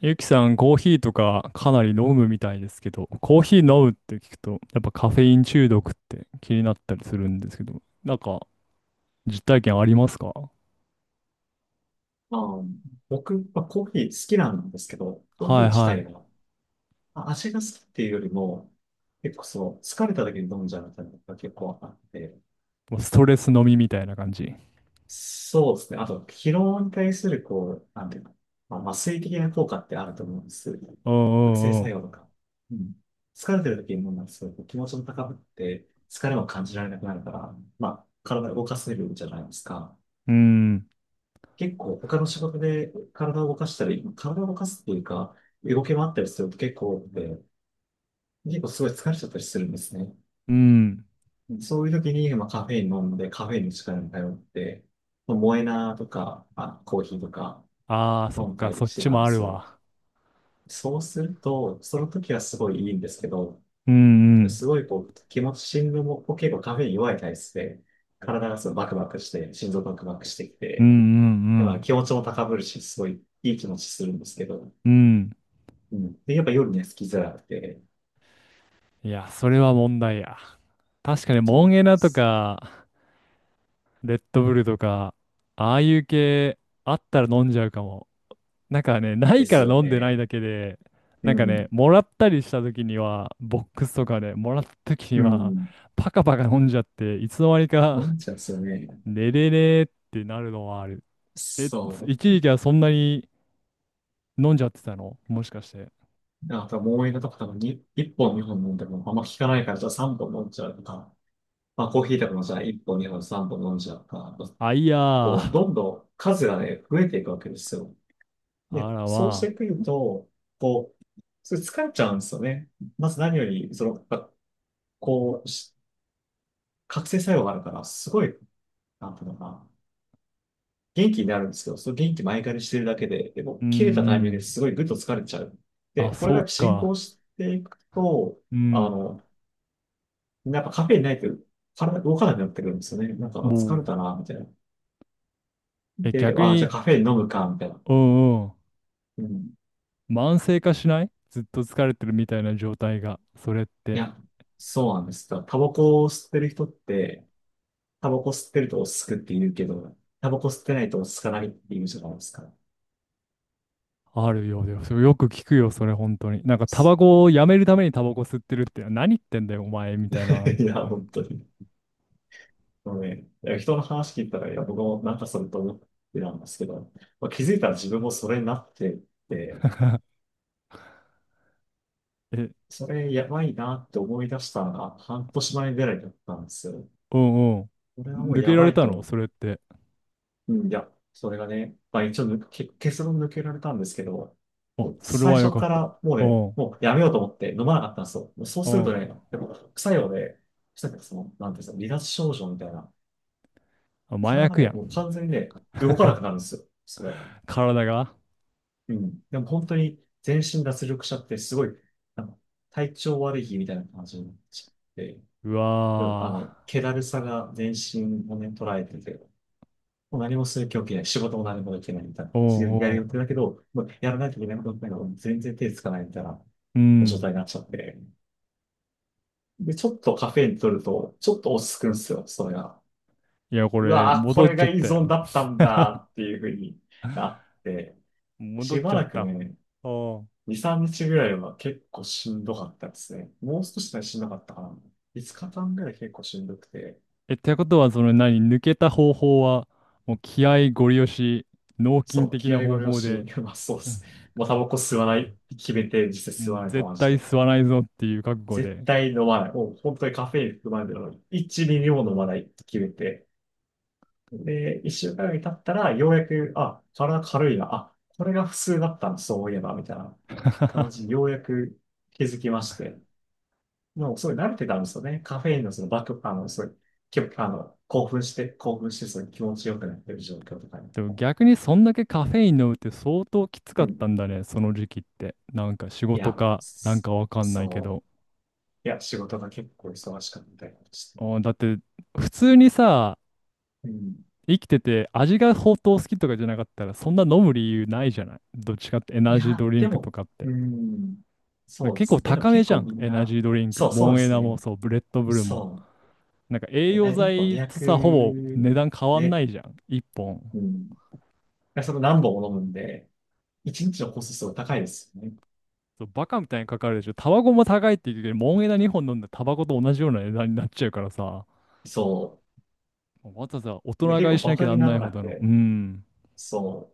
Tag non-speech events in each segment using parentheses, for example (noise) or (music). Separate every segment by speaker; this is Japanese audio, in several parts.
Speaker 1: ゆきさん、コーヒーとかかなり飲むみたいですけど、コーヒー飲むって聞くと、やっぱカフェイン中毒って気になったりするんですけど、なんか実体験ありますか？
Speaker 2: ああ、僕、コーヒー好きなんですけど、コーヒー
Speaker 1: はい
Speaker 2: 自体
Speaker 1: は
Speaker 2: が、まあ味が好きっていうよりも、結構そう、疲れた時に飲んじゃうみたいなのが結構あって、
Speaker 1: い。もうストレス飲みみたいな感じ。
Speaker 2: そうですね。あと、疲労に対する、なんていうか、まあ、麻酔的な効果ってあると思うんです。
Speaker 1: う
Speaker 2: 覚醒
Speaker 1: んう
Speaker 2: 作
Speaker 1: ん
Speaker 2: 用とか。うん。疲れてる時に飲んだら、すごい気持ちも高ぶって、疲れも感じられなくなるから、まあ、体を動かせるじゃないですか。
Speaker 1: うん。うん。
Speaker 2: 結構他の仕事で体を動かしたり、体を動かすっていうか、動き回ったりすると結構多くて、結構すごい疲れちゃったりするんですね。
Speaker 1: うん。
Speaker 2: そういう時に、まあ、カフェイン飲んで、カフェインの力に頼って、まあモエナとか、まあ、コーヒーとか
Speaker 1: ああ、そ
Speaker 2: 飲
Speaker 1: っ
Speaker 2: んだ
Speaker 1: か、そ
Speaker 2: り
Speaker 1: っ
Speaker 2: して
Speaker 1: ち
Speaker 2: たん
Speaker 1: も
Speaker 2: で
Speaker 1: あ
Speaker 2: す
Speaker 1: る
Speaker 2: よ。
Speaker 1: わ。
Speaker 2: そうすると、その時はすごいいいんですけど、
Speaker 1: うんうん。
Speaker 2: すごいこう、気持ち、心臓も結構カフェイン弱い体質で、体がすごいバクバクして、心臓バクバクしてき
Speaker 1: うん
Speaker 2: て、
Speaker 1: う
Speaker 2: でまあ
Speaker 1: ん
Speaker 2: 気持ちも高ぶるし、すごいいい気持ちするんですけど、
Speaker 1: うん。うん。
Speaker 2: うん。で、やっぱ夜ね、好きづらくて、
Speaker 1: いや、それは問題や。確かに
Speaker 2: そ
Speaker 1: モ
Speaker 2: う
Speaker 1: ンエナとか、レッドブルとか、ああいう系あったら飲んじゃうかも。なんかね、な
Speaker 2: で
Speaker 1: いか
Speaker 2: す
Speaker 1: ら
Speaker 2: よ
Speaker 1: 飲んでない
Speaker 2: ね。
Speaker 1: だけで、
Speaker 2: う
Speaker 1: なんかね、
Speaker 2: ん。
Speaker 1: もらったりした時には、ボックスとかね、もらった時
Speaker 2: う
Speaker 1: には、
Speaker 2: ん。
Speaker 1: パカパカ飲んじゃって、いつの間に
Speaker 2: 飲
Speaker 1: か、
Speaker 2: んじゃうんですよね。
Speaker 1: 寝れねえってなるのはある。え、
Speaker 2: そ
Speaker 1: 一
Speaker 2: う。
Speaker 1: 時期はそんなに飲んじゃってたのもしかして？
Speaker 2: あともう映画とか多分に、1本二本飲んでもあんま効かないから、じゃあ3本飲んじゃうとか、まあコーヒーとかもじゃあ1本二本三本飲んじゃうとか、
Speaker 1: あ、いや
Speaker 2: こう、
Speaker 1: ー。
Speaker 2: どんどん数がね、増えていくわけですよ。
Speaker 1: あ
Speaker 2: で、
Speaker 1: ら
Speaker 2: そうし
Speaker 1: ま
Speaker 2: て
Speaker 1: あ。
Speaker 2: くると、こう、それ疲れちゃうんですよね。まず何より、その、やっぱこう、し覚醒作用があるから、すごい、なんていうのかな。元気になるんですけど、その元気前借りしてるだけで、で
Speaker 1: う
Speaker 2: も
Speaker 1: ん
Speaker 2: 切れたタイ
Speaker 1: う
Speaker 2: ミングで
Speaker 1: ん。
Speaker 2: すごいぐっと疲れちゃう。で、
Speaker 1: あ、
Speaker 2: こ
Speaker 1: そ
Speaker 2: れ
Speaker 1: う
Speaker 2: が進行
Speaker 1: か。
Speaker 2: していくと、
Speaker 1: う
Speaker 2: あ
Speaker 1: ん。
Speaker 2: の、やっぱカフェインないと体が動かなくなってくるんですよね。なんかあ疲
Speaker 1: もう。
Speaker 2: れたな、みたいな。
Speaker 1: え、
Speaker 2: で、
Speaker 1: 逆
Speaker 2: あ、じゃあ
Speaker 1: に、
Speaker 2: カフェイン飲むか、みたいな。
Speaker 1: うんうん、
Speaker 2: うん。
Speaker 1: 慢性化しないずっと疲れてるみたいな状態が、それっ
Speaker 2: い
Speaker 1: て。
Speaker 2: や、そうなんです。だからタバコを吸ってる人って、タバコ吸ってると落ち着くって言うけど、タバコ吸ってないと落ち着かないって言うじゃないですか。
Speaker 1: あるようだよ。それよく聞くよ、それ本当に。なんか、タバコをやめるためにタバコ吸ってるって、何言ってんだよ、お前、みたいな。
Speaker 2: (laughs) いや、本当に。もうね、いや人の話聞いたら、いや、僕もなんかそれと思ってたんですけど、まあ、気づいたら自分もそれになってて、
Speaker 1: (laughs) え、
Speaker 2: それやばいなって思い出したのが半年前ぐらいだったんですよ。
Speaker 1: うんう
Speaker 2: これは
Speaker 1: ん。
Speaker 2: もう
Speaker 1: 抜け
Speaker 2: や
Speaker 1: ら
Speaker 2: ば
Speaker 1: れ
Speaker 2: い
Speaker 1: た
Speaker 2: と思
Speaker 1: の
Speaker 2: う。
Speaker 1: それって？
Speaker 2: うん、いや、それがね、まあ一応抜け、結論抜けられたんですけど、も
Speaker 1: あ、
Speaker 2: う
Speaker 1: それ
Speaker 2: 最
Speaker 1: はよ
Speaker 2: 初
Speaker 1: かっ
Speaker 2: か
Speaker 1: た。
Speaker 2: らも
Speaker 1: う
Speaker 2: うね、
Speaker 1: んうん。
Speaker 2: もうやめようと思って飲まなかったんですよ。もうそうするとね、やっぱ副作用で、さっきその、なんていうんですか、離脱症状みたいな、
Speaker 1: あ、麻
Speaker 2: 体が
Speaker 1: 薬
Speaker 2: ね、
Speaker 1: や
Speaker 2: もう
Speaker 1: ん。
Speaker 2: 完全にね、動かなくなるんですよ。それ。
Speaker 1: 体が。
Speaker 2: うん。でも本当に全身脱力者ってすごい、なんか体調悪い日みたいな感じになっちゃって、
Speaker 1: う
Speaker 2: うん
Speaker 1: わ
Speaker 2: 気だるさが全身をね、捉えてて、もう何もする気起きない、仕事も何もできないみたいな、
Speaker 1: ー。う
Speaker 2: 強いや
Speaker 1: ん
Speaker 2: る
Speaker 1: う
Speaker 2: 予定
Speaker 1: ん。
Speaker 2: だけど、もうやらないといけないことだけど、全然手つかないみたいな
Speaker 1: う
Speaker 2: 状
Speaker 1: ん。
Speaker 2: 態になっちゃって。で、ちょっとカフェイン取ると、ちょっと落ち着くんですよ、それが。
Speaker 1: いや、こ
Speaker 2: う
Speaker 1: れ、
Speaker 2: わぁ、こ
Speaker 1: 戻っ
Speaker 2: れ
Speaker 1: ちゃ
Speaker 2: が
Speaker 1: っ
Speaker 2: 依
Speaker 1: た
Speaker 2: 存
Speaker 1: よ。
Speaker 2: だったんだっていうふうになっ
Speaker 1: (laughs)
Speaker 2: て、
Speaker 1: 戻っ
Speaker 2: しば
Speaker 1: ちゃっ
Speaker 2: らくね、
Speaker 1: た。
Speaker 2: 2、
Speaker 1: おん。
Speaker 2: 3日ぐらいは結構しんどかったですね。もう少しでしんどかったかな。5日間ぐらい結構しんどくて。
Speaker 1: え、ってことは、その何、抜けた方法は、もう気合ゴリ押し、脳筋
Speaker 2: そう、
Speaker 1: 的
Speaker 2: 気
Speaker 1: な
Speaker 2: 合ご
Speaker 1: 方
Speaker 2: 了
Speaker 1: 法
Speaker 2: 承。
Speaker 1: で、
Speaker 2: (laughs) まあそうですね。もうタバコ吸わない、決めて実際吸
Speaker 1: も
Speaker 2: わ
Speaker 1: う
Speaker 2: ないと
Speaker 1: 絶
Speaker 2: マジ
Speaker 1: 対
Speaker 2: で。
Speaker 1: 吸わないぞっていう覚悟
Speaker 2: 絶
Speaker 1: で。
Speaker 2: 対飲まない。もう本当にカフェイン含まれてるのに、1ミリも飲まないって決めて。で、1週間ぐらい経ったら、ようやく、あ、体軽いな。あ、これが普通だったの、そういえば、みたいな感じ、ようやく気づきまして。もうそれ慣れてたんですよね。カフェインのそのバック、あの、そういう、きょあの、興奮して、興奮して、その気持ちよくなってる状況とかに。
Speaker 1: でも逆にそんだけカフェイン飲むって相当きつか
Speaker 2: う
Speaker 1: った
Speaker 2: ん。
Speaker 1: んだね、その時期って。なんか仕
Speaker 2: い
Speaker 1: 事
Speaker 2: や、
Speaker 1: か、なん
Speaker 2: そ
Speaker 1: かわかんないけ
Speaker 2: そ
Speaker 1: ど。
Speaker 2: う。いや、仕事が結構忙しかったりして。
Speaker 1: うん、だって普通にさ、
Speaker 2: うん。
Speaker 1: 生きてて味が相当好きとかじゃなかったらそんな飲む理由ないじゃない。どっちかってエ
Speaker 2: い
Speaker 1: ナジード
Speaker 2: や、
Speaker 1: リン
Speaker 2: で
Speaker 1: クと
Speaker 2: も、
Speaker 1: かって。
Speaker 2: うん。
Speaker 1: だ
Speaker 2: そうで
Speaker 1: 結構
Speaker 2: す。え、でも
Speaker 1: 高め
Speaker 2: 結
Speaker 1: じゃ
Speaker 2: 構
Speaker 1: ん、
Speaker 2: みん
Speaker 1: エナジ
Speaker 2: な、
Speaker 1: ードリンク。
Speaker 2: そう、そ
Speaker 1: モ
Speaker 2: う
Speaker 1: ン
Speaker 2: で
Speaker 1: エ
Speaker 2: す
Speaker 1: ナも
Speaker 2: ね。
Speaker 1: そう、ブレッドブルも。
Speaker 2: そ
Speaker 1: なんか栄
Speaker 2: う。
Speaker 1: 養
Speaker 2: え、1本
Speaker 1: 剤と
Speaker 2: 200
Speaker 1: さ、ほぼ値段変わんな
Speaker 2: で、
Speaker 1: いじゃん、1本。
Speaker 2: うん。でその何本も飲むんで、1日のコストすごい高いですよね。
Speaker 1: そう、バカみたいにかかるでしょ。タバコも高いって言うけど、モン枝2本飲んでタバコと同じような値段になっちゃうからさ、
Speaker 2: そ
Speaker 1: わざわざ大
Speaker 2: う。で、
Speaker 1: 人
Speaker 2: 結
Speaker 1: 買い
Speaker 2: 構
Speaker 1: し
Speaker 2: バ
Speaker 1: なきゃ
Speaker 2: カ
Speaker 1: な
Speaker 2: に
Speaker 1: ん
Speaker 2: な
Speaker 1: ない
Speaker 2: ら
Speaker 1: ほ
Speaker 2: なく
Speaker 1: どの、う
Speaker 2: て、
Speaker 1: ん、
Speaker 2: そ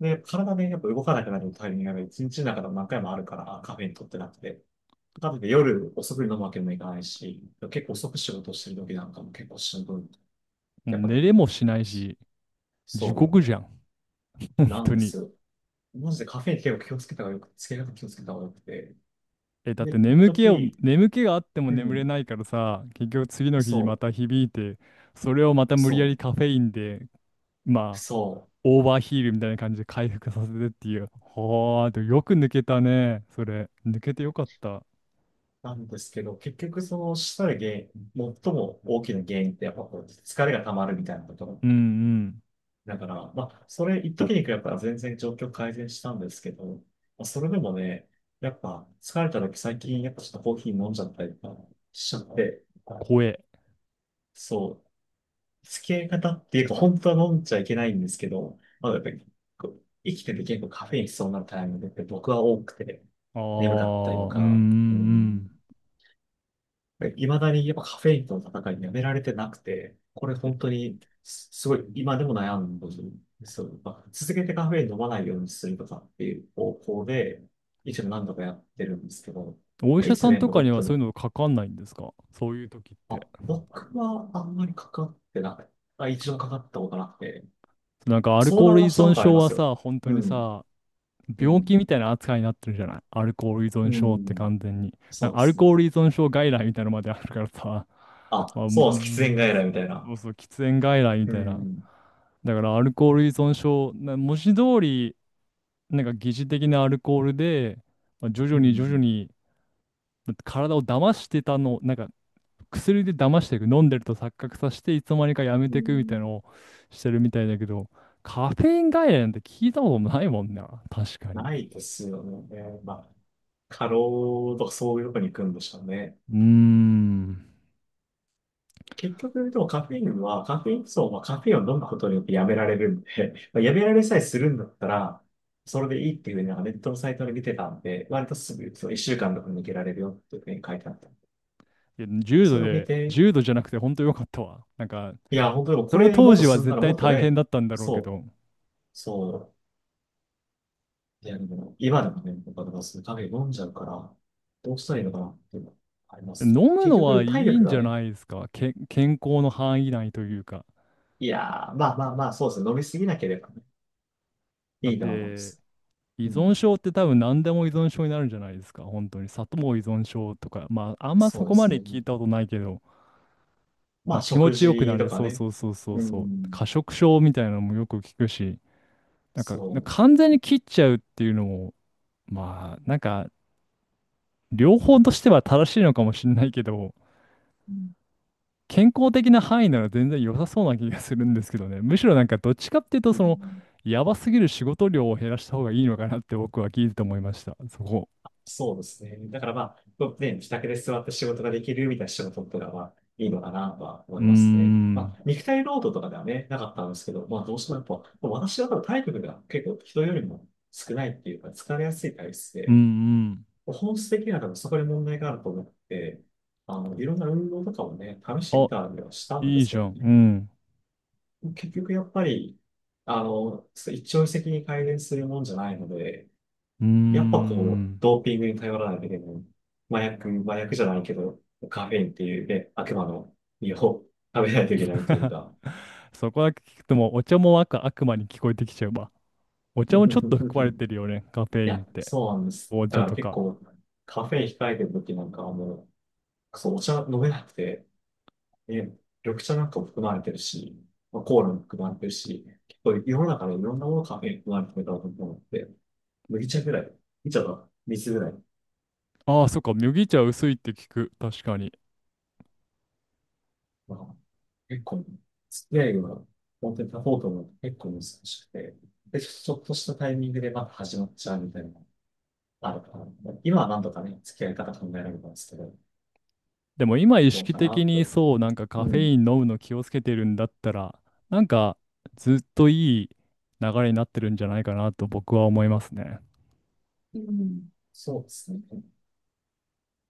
Speaker 2: う。で、体でやっぱ動かなくなるタイミングが一日の中でも何回もあるから、カフェにとってなくて。かとい夜遅くに飲むわけにもいかないし、結構遅く仕事してる時なんかも結構しんどい。
Speaker 1: もう
Speaker 2: やっぱで
Speaker 1: 寝
Speaker 2: も、
Speaker 1: れもしないし、地獄じ
Speaker 2: そ
Speaker 1: ゃん、本
Speaker 2: う、な
Speaker 1: 当
Speaker 2: んで
Speaker 1: に。
Speaker 2: すよ。マジでカフェイン結構気をつけた方がよく、つけ方気をつけた方がよくて。
Speaker 1: え、だっ
Speaker 2: で、
Speaker 1: て
Speaker 2: 一時、
Speaker 1: 眠気があっても
Speaker 2: う
Speaker 1: 眠れ
Speaker 2: ん、
Speaker 1: ないからさ、結局次の日にま
Speaker 2: そ
Speaker 1: た響いて、それをまた
Speaker 2: う、
Speaker 1: 無理やり
Speaker 2: そ
Speaker 1: カフェインで、まあ、
Speaker 2: そう。
Speaker 1: オーバーヒールみたいな感じで回復させてっていう。はあ、でもよく抜けたね、それ。抜けてよかった。
Speaker 2: なんですけど、結局そのしたら原因、最も大きな原因ってやっぱこう疲れが溜まるみたいなことが
Speaker 1: うんうん。
Speaker 2: だから、まあ、それ一時に比べたら全然状況改善したんですけど、まあ、それでもね、やっぱ疲れた時最近やっぱちょっとコーヒー飲んじゃったりとかしちゃって、
Speaker 1: 怖え。
Speaker 2: そう、付き合い方っていうか本当は飲んじゃいけないんですけど、まあ、やっぱりこう生きてて結構カフェイン必要なタイミングって僕は多くて
Speaker 1: あ
Speaker 2: 眠かったりと
Speaker 1: あ、うんうんう
Speaker 2: か、うん、
Speaker 1: ん。
Speaker 2: いまだにやっぱカフェインとの戦いやめられてなくて、これ
Speaker 1: え
Speaker 2: 本当にごい今でも悩んでるんですよ。まあ続けてカフェイン飲まないようにするとかっていう方向で、一応何度かやってるんですけど、
Speaker 1: お医
Speaker 2: まあい
Speaker 1: 者
Speaker 2: つ
Speaker 1: さん
Speaker 2: ね、
Speaker 1: とか
Speaker 2: 戻
Speaker 1: に
Speaker 2: っ
Speaker 1: は
Speaker 2: て
Speaker 1: そうい
Speaker 2: も、
Speaker 1: うのかかんないんですか、そういう時って。
Speaker 2: あ、僕はあんまりかかってなくて一度かかったことなくて、
Speaker 1: なんかアル
Speaker 2: 相
Speaker 1: コー
Speaker 2: 談
Speaker 1: ル依
Speaker 2: はしたこ
Speaker 1: 存
Speaker 2: とあり
Speaker 1: 症
Speaker 2: ま
Speaker 1: は
Speaker 2: すよ。
Speaker 1: さ、本当
Speaker 2: う
Speaker 1: に
Speaker 2: ん、
Speaker 1: さ、
Speaker 2: う
Speaker 1: 病気
Speaker 2: ん、
Speaker 1: みたいな扱いになってるじゃない、アルコール依存
Speaker 2: う
Speaker 1: 症って
Speaker 2: ん、
Speaker 1: 完全に。なん
Speaker 2: そう
Speaker 1: か
Speaker 2: で
Speaker 1: アル
Speaker 2: すね。
Speaker 1: コール依存症外来みたいなのまであるからさ、(laughs) ま
Speaker 2: あ、
Speaker 1: あ、
Speaker 2: そ
Speaker 1: もう、
Speaker 2: う
Speaker 1: うー
Speaker 2: なんです。喫煙
Speaker 1: ん、
Speaker 2: 外来みたい
Speaker 1: そ
Speaker 2: な。
Speaker 1: うそう、喫煙外来み
Speaker 2: う
Speaker 1: たいな。
Speaker 2: ん、
Speaker 1: だからアルコール依存症、な文字通り、なんか疑似的なアルコールで、まあ徐
Speaker 2: う
Speaker 1: 々に徐々
Speaker 2: ん、
Speaker 1: に、体を騙してたの、なんか薬で騙していく、飲んでると錯覚させて、いつの間にかやめ
Speaker 2: う
Speaker 1: ていくみたいな
Speaker 2: ん。
Speaker 1: のをしてるみたいだけど、カフェイン外来なんて聞いたこともないもんな、確かに。
Speaker 2: ないですよね。まあ、過労とかそういうとこに行くんでしょうね。
Speaker 1: うーん。
Speaker 2: 結局、でもカフェインは、カフェインそう、まあ、カフェインを飲むことによってやめられるんで、(laughs) まあ、やめられさえするんだったら、それでいいっていうふうになんかネットのサイトで見てたんで、割とすぐ、そう、1週間とか抜けられるよっていうふうに書いてあった。
Speaker 1: いや、
Speaker 2: それを見て、
Speaker 1: 重度じゃなくて本当よかったわ。なんか、
Speaker 2: いや、本当でも
Speaker 1: そ
Speaker 2: こ
Speaker 1: の
Speaker 2: れも
Speaker 1: 当
Speaker 2: っと
Speaker 1: 時は
Speaker 2: 進んだ
Speaker 1: 絶
Speaker 2: らも
Speaker 1: 対
Speaker 2: っと
Speaker 1: 大変
Speaker 2: ね、
Speaker 1: だったんだろうけ
Speaker 2: そう、
Speaker 1: ど、
Speaker 2: そいや、でも、今でもね、僕はだからそういうカフェイン飲んじゃうから、どうしたらいいのかなっていうのはあります。
Speaker 1: 飲む
Speaker 2: 結
Speaker 1: のは
Speaker 2: 局、体
Speaker 1: いい
Speaker 2: 力
Speaker 1: んじ
Speaker 2: が
Speaker 1: ゃ
Speaker 2: ね、
Speaker 1: ないですか、健康の範囲内というか。
Speaker 2: いやー、まあ、そうですね。飲みすぎなければね、
Speaker 1: だ
Speaker 2: い
Speaker 1: っ
Speaker 2: いと思いま
Speaker 1: て、
Speaker 2: す。
Speaker 1: 依
Speaker 2: う
Speaker 1: 存
Speaker 2: ん。
Speaker 1: 症って多分何でも依存症になるんじゃないですか、本当に。砂糖依存症とか、まあ、あんま
Speaker 2: そ
Speaker 1: そ
Speaker 2: うで
Speaker 1: こま
Speaker 2: す
Speaker 1: で
Speaker 2: ね。
Speaker 1: 聞いたことないけど。
Speaker 2: ま
Speaker 1: まあ
Speaker 2: あ、
Speaker 1: 気持
Speaker 2: 食
Speaker 1: ちよく
Speaker 2: 事
Speaker 1: なれ
Speaker 2: と
Speaker 1: る。
Speaker 2: か
Speaker 1: そう
Speaker 2: ね。
Speaker 1: そうそうそう
Speaker 2: う
Speaker 1: そう。
Speaker 2: ん。
Speaker 1: 過食症みたいなのもよく聞くし、なんか
Speaker 2: そ
Speaker 1: 完全に切っちゃうっていうのも、まあなんか両方としては正しいのかもしれないけど、
Speaker 2: う。うん
Speaker 1: 健康的な範囲なら全然良さそうな気がするんですけどね。むしろなんかどっちかっていうと、
Speaker 2: う
Speaker 1: その、
Speaker 2: ん
Speaker 1: やばすぎる仕事量を減らした方がいいのかなって僕は聞いてて思いました。そこ。
Speaker 2: そうですね。だからまあ、ね、自宅で座って仕事ができるみたいな仕事とかはいいのかなとは
Speaker 1: う
Speaker 2: 思
Speaker 1: ー
Speaker 2: いますね。ま
Speaker 1: ん。
Speaker 2: あ、肉体労働とかではね、なかったんですけど、まあ、どうしてもやっぱ、私は多分体力が結構人よりも少ないっていうか、疲れやすい体質
Speaker 1: うん
Speaker 2: で、
Speaker 1: うん。
Speaker 2: 本質的には多分そこで問題があると思って、あの、いろんな運動とかもね、試してみ
Speaker 1: あ、
Speaker 2: たりはしたんで
Speaker 1: いい
Speaker 2: すけ
Speaker 1: じゃ
Speaker 2: ど
Speaker 1: ん。う
Speaker 2: ね。
Speaker 1: ん。
Speaker 2: 結局やっぱり、あの、一朝一夕に改善するもんじゃないので、
Speaker 1: うー
Speaker 2: やっぱこう、
Speaker 1: ん。
Speaker 2: ドーピングに頼らないといけない。麻薬じゃないけど、カフェインっていうね、悪魔の実を食べないといけないという
Speaker 1: (laughs)
Speaker 2: か。
Speaker 1: そこだけ聞くともうお茶も悪魔に聞こえてきちゃうわ。お
Speaker 2: (laughs) い
Speaker 1: 茶もちょっと含まれてるよね、カフェイン
Speaker 2: や、
Speaker 1: って。
Speaker 2: そうなんです。
Speaker 1: お
Speaker 2: だ
Speaker 1: 茶
Speaker 2: から
Speaker 1: と
Speaker 2: 結
Speaker 1: か。
Speaker 2: 構、カフェイン控えてる時なんかはもう、そう、お茶飲めなくて、ね、緑茶なんかも含まれてるし、まあ、コーラも含まれてるし、結構世の中のいろんなものカフェイン含まれてると思って、麦茶ぐらい、麦茶と水ぐらい、
Speaker 1: ああ、そっか、麦茶薄いって聞く。確かに。
Speaker 2: まあ、結構、付き合いが本当に立とうと思うと結構難しくて、で、ちょっとしたタイミングでまた始まっちゃうみたいなのがあるから、今はなんとかね、付き合い方考えられたんですけど、
Speaker 1: でも今意
Speaker 2: どう
Speaker 1: 識
Speaker 2: かな
Speaker 1: 的に
Speaker 2: と。
Speaker 1: そう、なんか
Speaker 2: う
Speaker 1: カフ
Speaker 2: ん。
Speaker 1: ェイン飲むの気をつけてるんだったら、なんかずっといい流れになってるんじゃないかなと僕は思いますね。
Speaker 2: うん、そうですね。